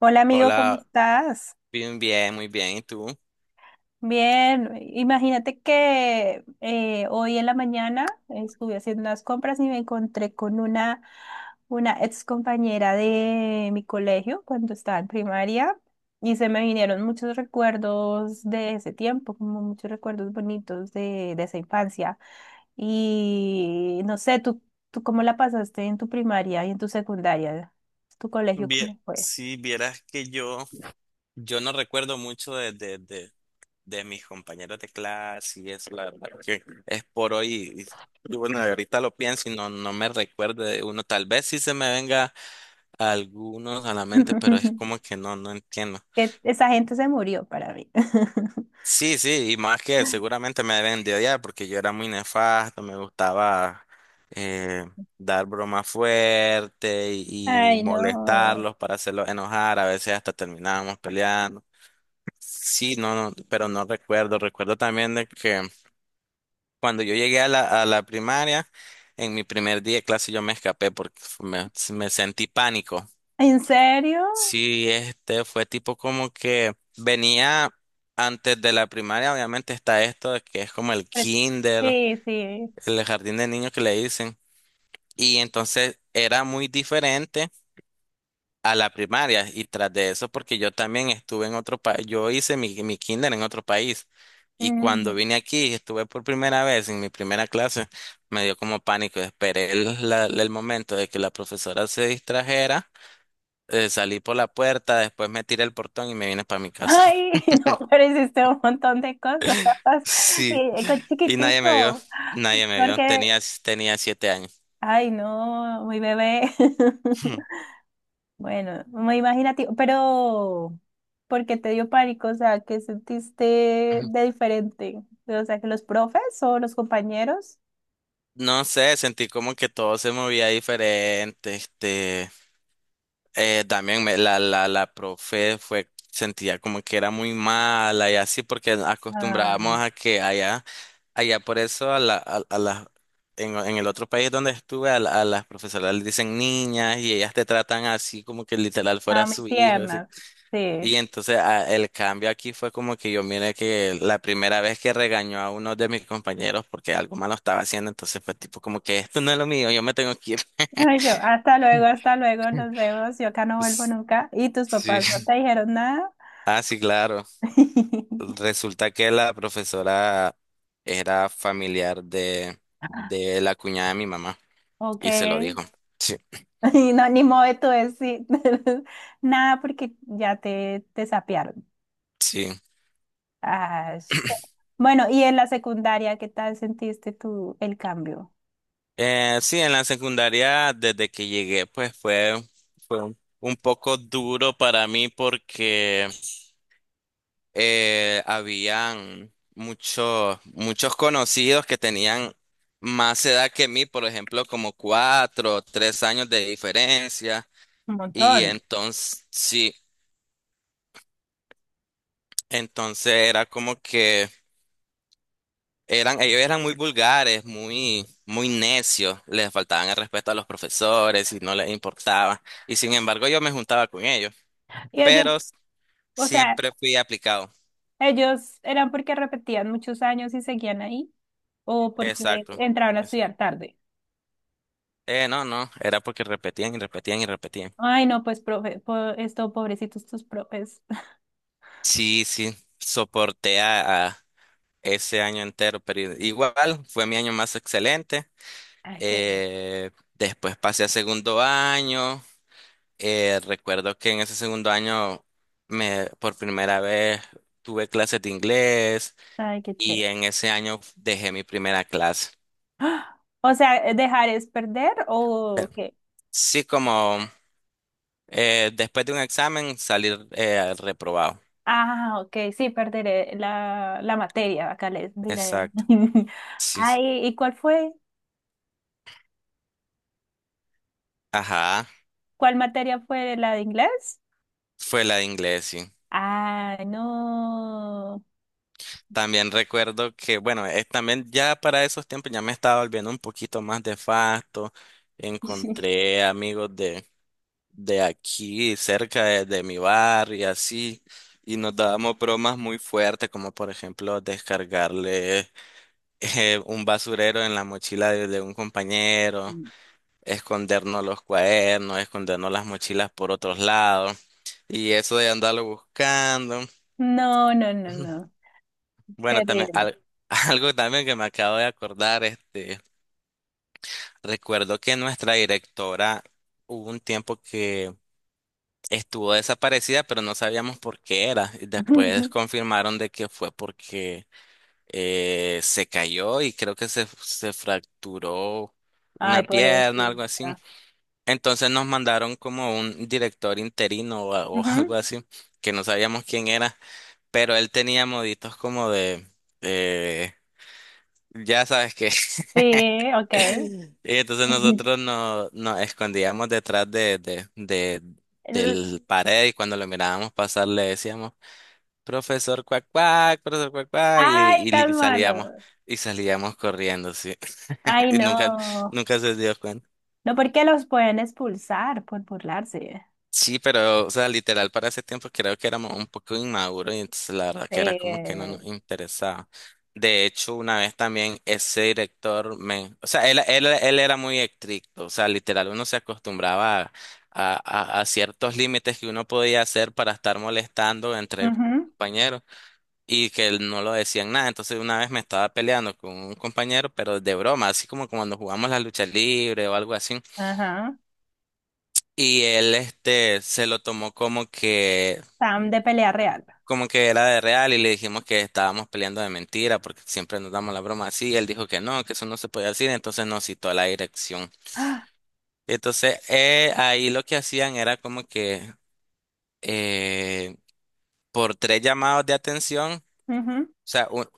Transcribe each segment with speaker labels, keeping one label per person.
Speaker 1: Hola amigo, ¿cómo
Speaker 2: Hola,
Speaker 1: estás?
Speaker 2: bien, bien, muy bien. ¿Y tú?
Speaker 1: Bien, imagínate que hoy en la mañana estuve haciendo unas compras y me encontré con una ex compañera de mi colegio cuando estaba en primaria y se me vinieron muchos recuerdos de ese tiempo, como muchos recuerdos bonitos de esa infancia. Y no sé, ¿tú cómo la pasaste en tu primaria y en tu secundaria? ¿Tu colegio
Speaker 2: Bien,
Speaker 1: cómo fue?
Speaker 2: si vieras que yo no recuerdo mucho de mis compañeros de clase y eso, la verdad que es por hoy. Y bueno, ahorita lo pienso y no me recuerdo de uno. Tal vez sí se me venga algunos a la mente, pero es como que no entiendo.
Speaker 1: Que esa gente se murió para mí.
Speaker 2: Sí, sí, y más que seguramente me deben de odiar porque yo era muy nefasto, me gustaba eh, dar bromas fuertes y
Speaker 1: Ay, no.
Speaker 2: molestarlos para hacerlos enojar, a veces hasta terminábamos peleando. Sí, no, no, pero no recuerdo también de que cuando yo llegué a la primaria, en mi primer día de clase yo me escapé porque me sentí pánico.
Speaker 1: ¿En serio?
Speaker 2: Sí, este fue tipo como que venía antes de la primaria, obviamente está esto de que es como el
Speaker 1: Pero-
Speaker 2: kinder,
Speaker 1: sí, sí.
Speaker 2: el jardín de niños que le dicen. Y entonces era muy diferente a la primaria. Y tras de eso, porque yo también estuve en otro país, yo hice mi kinder en otro país. Y
Speaker 1: Mm.
Speaker 2: cuando vine aquí, estuve por primera vez en mi primera clase, me dio como pánico. Esperé el momento de que la profesora se distrajera, salí por la puerta, después me tiré el portón y me vine para mi casa.
Speaker 1: Ay, no, pero hiciste un montón de cosas.
Speaker 2: Sí.
Speaker 1: Y con
Speaker 2: Y nadie me vio,
Speaker 1: chiquitico.
Speaker 2: nadie me vio.
Speaker 1: Porque,
Speaker 2: Tenía 7 años.
Speaker 1: ay, no, muy bebé. Bueno, muy imaginativo. Pero, ¿por qué te dio pánico? O sea, ¿qué sentiste de diferente? O sea, que los profes o los compañeros.
Speaker 2: No sé, sentí como que todo se movía diferente. También la profe fue, sentía como que era muy mala y así porque acostumbrábamos
Speaker 1: Ah,
Speaker 2: a que allá, allá por eso a la, a las, en el otro país donde estuve a las profesoras les dicen niñas y ellas te tratan así como que literal fuera
Speaker 1: ah, muy
Speaker 2: su hijo, así.
Speaker 1: tiernas. Sí.
Speaker 2: Y entonces el cambio aquí fue como que yo miré que la primera vez que regañó a uno de mis compañeros porque algo malo estaba haciendo, entonces fue tipo como que esto no es lo mío, yo me tengo que ir.
Speaker 1: Ay, yo, hasta luego, nos vemos, yo acá no vuelvo nunca. ¿Y tus
Speaker 2: Sí.
Speaker 1: papás no te dijeron nada?
Speaker 2: Ah, sí, claro. Resulta que la profesora era familiar de la cuñada de mi mamá
Speaker 1: Ok,
Speaker 2: y se lo
Speaker 1: y
Speaker 2: dijo. Sí,
Speaker 1: no, ni modo de tú decir nada porque ya te sapearon.
Speaker 2: sí.
Speaker 1: Ay. Bueno, y en la secundaria, ¿qué tal sentiste tú el cambio?
Speaker 2: Sí, en la secundaria, desde que llegué, pues fue, fue un poco duro para mí porque habían muchos conocidos que tenían más edad que mí, por ejemplo, como 4 o 3 años de diferencia.
Speaker 1: Un
Speaker 2: Y
Speaker 1: montón.
Speaker 2: entonces, sí, entonces era como que ellos eran muy vulgares, muy, muy necios, les faltaban el respeto a los profesores y no les importaba. Y sin embargo, yo me juntaba con ellos,
Speaker 1: Y ellos,
Speaker 2: pero
Speaker 1: o sea,
Speaker 2: siempre fui aplicado.
Speaker 1: ellos eran porque repetían muchos años y seguían ahí, o porque
Speaker 2: Exacto.
Speaker 1: entraban a
Speaker 2: Eso.
Speaker 1: estudiar tarde.
Speaker 2: No, no, era porque repetían y repetían y repetían.
Speaker 1: Ay, no, pues, profe, po- esto, pobrecitos tus profes.
Speaker 2: Sí, sí, soporté a ese año entero, pero igual fue mi año más excelente.
Speaker 1: Ay, qué,
Speaker 2: Después pasé a segundo año. Recuerdo que en ese segundo año me por primera vez tuve clases de inglés
Speaker 1: ay, qué
Speaker 2: y
Speaker 1: chévere.
Speaker 2: en ese año dejé mi primera clase.
Speaker 1: ¡Ah! O sea, ¿dejar es perder o
Speaker 2: Pero
Speaker 1: qué?
Speaker 2: sí, como después de un examen salir reprobado.
Speaker 1: Ah, ok, sí, perderé la materia, acá les diré.
Speaker 2: Exacto. Sí. Sí.
Speaker 1: Ay, ¿y cuál fue?
Speaker 2: Ajá.
Speaker 1: ¿Cuál materia fue la de inglés?
Speaker 2: Fue la de inglés, sí.
Speaker 1: Ah, no.
Speaker 2: También recuerdo que, bueno, también ya para esos tiempos ya me estaba volviendo un poquito más de facto. Encontré amigos de aquí, cerca de mi bar y así. Y nos dábamos bromas muy fuertes, como por ejemplo descargarle un basurero en la mochila de un compañero, escondernos los cuadernos, escondernos las mochilas por otros lados. Y eso de andarlo buscando.
Speaker 1: No, no, no, no.
Speaker 2: Bueno, también
Speaker 1: Terrible.
Speaker 2: algo también que me acabo de acordar, recuerdo que nuestra directora hubo un tiempo que estuvo desaparecida, pero no sabíamos por qué era. Y después confirmaron de que fue porque se cayó y creo que se fracturó
Speaker 1: Ay,
Speaker 2: una pierna, algo así.
Speaker 1: pobrecita.
Speaker 2: Entonces nos mandaron como un director interino o algo
Speaker 1: Ujú.
Speaker 2: así, que no sabíamos quién era, pero él tenía moditos como de, eh, ya sabes qué.
Speaker 1: Sí, ok.
Speaker 2: Y entonces nosotros nos escondíamos detrás
Speaker 1: El-
Speaker 2: del pared y cuando lo mirábamos pasar le decíamos, profesor cuac cuac, y,
Speaker 1: ay,
Speaker 2: y
Speaker 1: tan malo.
Speaker 2: salíamos, y salíamos corriendo, sí.
Speaker 1: Ay,
Speaker 2: Y nunca,
Speaker 1: no.
Speaker 2: nunca se dio cuenta.
Speaker 1: No porque los pueden expulsar por burlarse.
Speaker 2: Sí, pero, o sea, literal, para ese tiempo creo que éramos un poco inmaduros y entonces la verdad que era como que no nos
Speaker 1: Sí.
Speaker 2: interesaba. De hecho, una vez también ese director me, o sea, él era muy estricto, o sea, literal, uno se acostumbraba a ciertos límites que uno podía hacer para estar molestando entre
Speaker 1: Ujú,
Speaker 2: compañeros y que él no lo decían nada. Entonces, una vez me estaba peleando con un compañero, pero de broma, así como cuando jugamos la lucha libre o algo así.
Speaker 1: ajá.
Speaker 2: Y él se lo tomó como que
Speaker 1: Sam de pelea real.
Speaker 2: era de real y le dijimos que estábamos peleando de mentira porque siempre nos damos la broma así. Él dijo que no, que eso no se podía decir, entonces nos citó a la dirección.
Speaker 1: ¡Ah!
Speaker 2: Entonces ahí lo que hacían era como que eh, por tres llamados de atención, o
Speaker 1: Ujú.
Speaker 2: sea,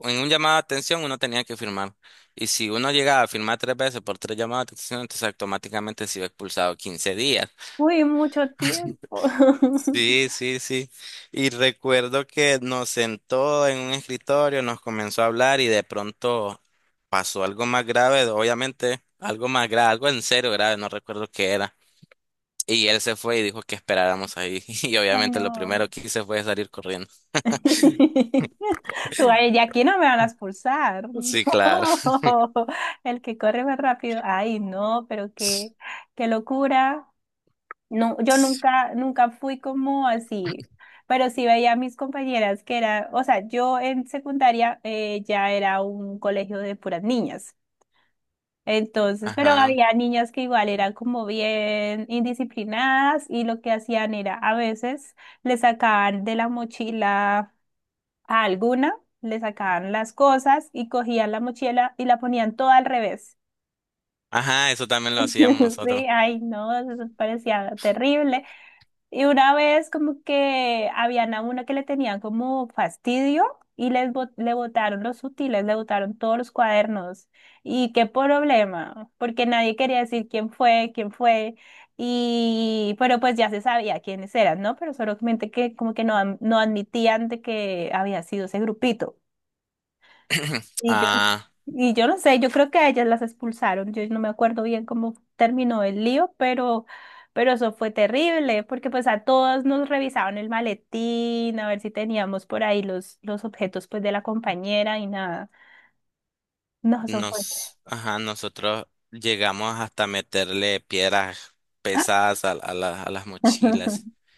Speaker 2: en un llamado de atención uno tenía que firmar. Y si uno llegaba a firmar tres veces por tres llamados de atención, entonces automáticamente se iba expulsado 15 días.
Speaker 1: Uy, mucho tiempo.
Speaker 2: Sí, sí, sí. Y recuerdo que nos sentó en un escritorio, nos comenzó a hablar y de pronto pasó algo más grave, obviamente, algo más grave, algo en serio grave, no recuerdo qué era. Y él se fue y dijo que esperáramos ahí. Y
Speaker 1: Ay,
Speaker 2: obviamente lo
Speaker 1: no.
Speaker 2: primero que hice fue salir corriendo.
Speaker 1: Tú, ay, y aquí no me van a expulsar.
Speaker 2: Sí, claro.
Speaker 1: No. El que corre más rápido. Ay, no, pero qué, qué locura. No, yo nunca, nunca fui como así, pero sí veía a mis compañeras que era, o sea, yo en secundaria ya era un colegio de puras niñas. Entonces, pero
Speaker 2: Ajá.
Speaker 1: había niñas que igual eran como bien indisciplinadas y lo que hacían era a veces le sacaban de la mochila a alguna, le sacaban las cosas y cogían la mochila y la ponían toda al revés.
Speaker 2: Ajá, eso también lo hacíamos nosotros.
Speaker 1: Sí, ay, no, eso parecía terrible. Y una vez como que habían a una que le tenían como fastidio y les bot- le botaron los útiles, le botaron todos los cuadernos. ¿Y qué problema? Porque nadie quería decir quién fue, quién fue. Y pero pues ya se sabía quiénes eran, ¿no? Pero solamente que como que no, am- no admitían de que había sido ese grupito. Y yo,
Speaker 2: Ah,
Speaker 1: y yo no sé, yo creo que a ellas las expulsaron. Yo no me acuerdo bien cómo terminó el lío, pero eso fue terrible, porque pues a todas nos revisaban el maletín, a ver si teníamos por ahí los objetos pues de la compañera y nada. No, eso fue.
Speaker 2: ajá, nosotros llegamos hasta meterle piedras pesadas a las mochilas.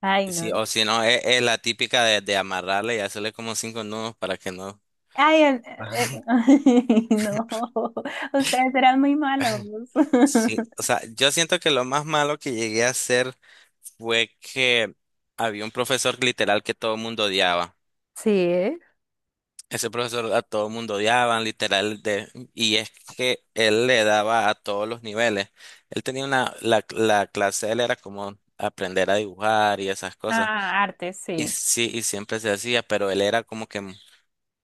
Speaker 1: Ay,
Speaker 2: Sí,
Speaker 1: no.
Speaker 2: o si no, es la típica de amarrarle y hacerle como cinco nudos para que no
Speaker 1: Ay,
Speaker 2: baje.
Speaker 1: el- ay, no. Ustedes eran muy malos.
Speaker 2: Sí, o sea, yo siento que lo más malo que llegué a hacer fue que había un profesor literal que todo el mundo odiaba.
Speaker 1: Sí, ¿eh?
Speaker 2: Ese profesor a todo el mundo odiaban, literal, de, y es que él le daba a todos los niveles. Él tenía una, la clase de él era como aprender a dibujar y esas cosas.
Speaker 1: Ah, arte,
Speaker 2: Y
Speaker 1: sí.
Speaker 2: sí, y siempre se hacía, pero él era como que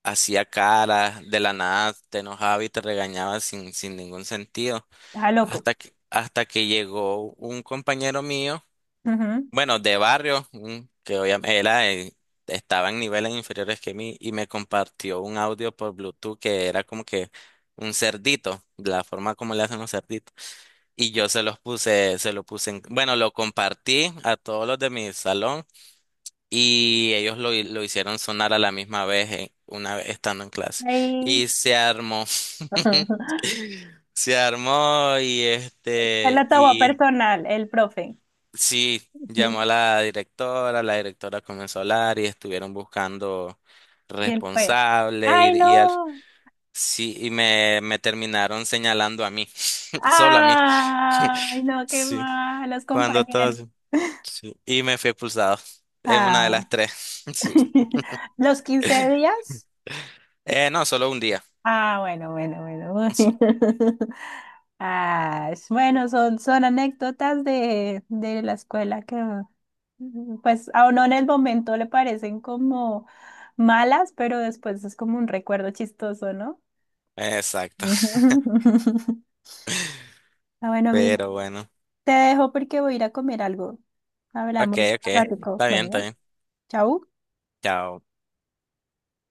Speaker 2: hacía caras, de la nada te enojaba y te regañaba sin ningún sentido.
Speaker 1: Ah, loco.
Speaker 2: Hasta que llegó un compañero mío,
Speaker 1: Ujú.
Speaker 2: bueno, de barrio, que obviamente era, estaba en niveles inferiores que mí, y me compartió un audio por Bluetooth que era como que un cerdito, de la forma como le hacen los cerditos. Y yo se lo puse en, bueno, lo compartí a todos los de mi salón. Y ellos lo hicieron sonar a la misma vez, una vez estando en clase.
Speaker 1: Ay.
Speaker 2: Y se armó, se armó y
Speaker 1: Se lo tomó
Speaker 2: y
Speaker 1: personal, el profe.
Speaker 2: sí, llamó a la directora comenzó a hablar y estuvieron buscando
Speaker 1: ¿Quién fue?
Speaker 2: responsable y,
Speaker 1: ¡Ay,
Speaker 2: y
Speaker 1: no!
Speaker 2: sí, y me terminaron señalando a mí, solo a mí.
Speaker 1: ¡Ay, no! ¡Qué
Speaker 2: Sí,
Speaker 1: mal! Los
Speaker 2: cuando
Speaker 1: compañeros.
Speaker 2: todos, sí. Y me fui expulsado en una de
Speaker 1: Ah.
Speaker 2: las tres. Sí.
Speaker 1: ¿Los 15 días?
Speaker 2: No, solo un día.
Speaker 1: Ah, bueno, bueno,
Speaker 2: Sí.
Speaker 1: bueno. Ah, es- bueno, son, son anécdotas de la escuela que, mm, pues, a uno en el momento le parecen como malas, pero después es como un recuerdo chistoso, ¿no?
Speaker 2: Exacto.
Speaker 1: Ah, bueno, amigo,
Speaker 2: Pero bueno.
Speaker 1: te dejo porque voy a ir a comer algo.
Speaker 2: Ok,
Speaker 1: Hablamos un
Speaker 2: ok.
Speaker 1: ratico.
Speaker 2: Está bien, está
Speaker 1: Bueno,
Speaker 2: bien.
Speaker 1: chau.
Speaker 2: Chao.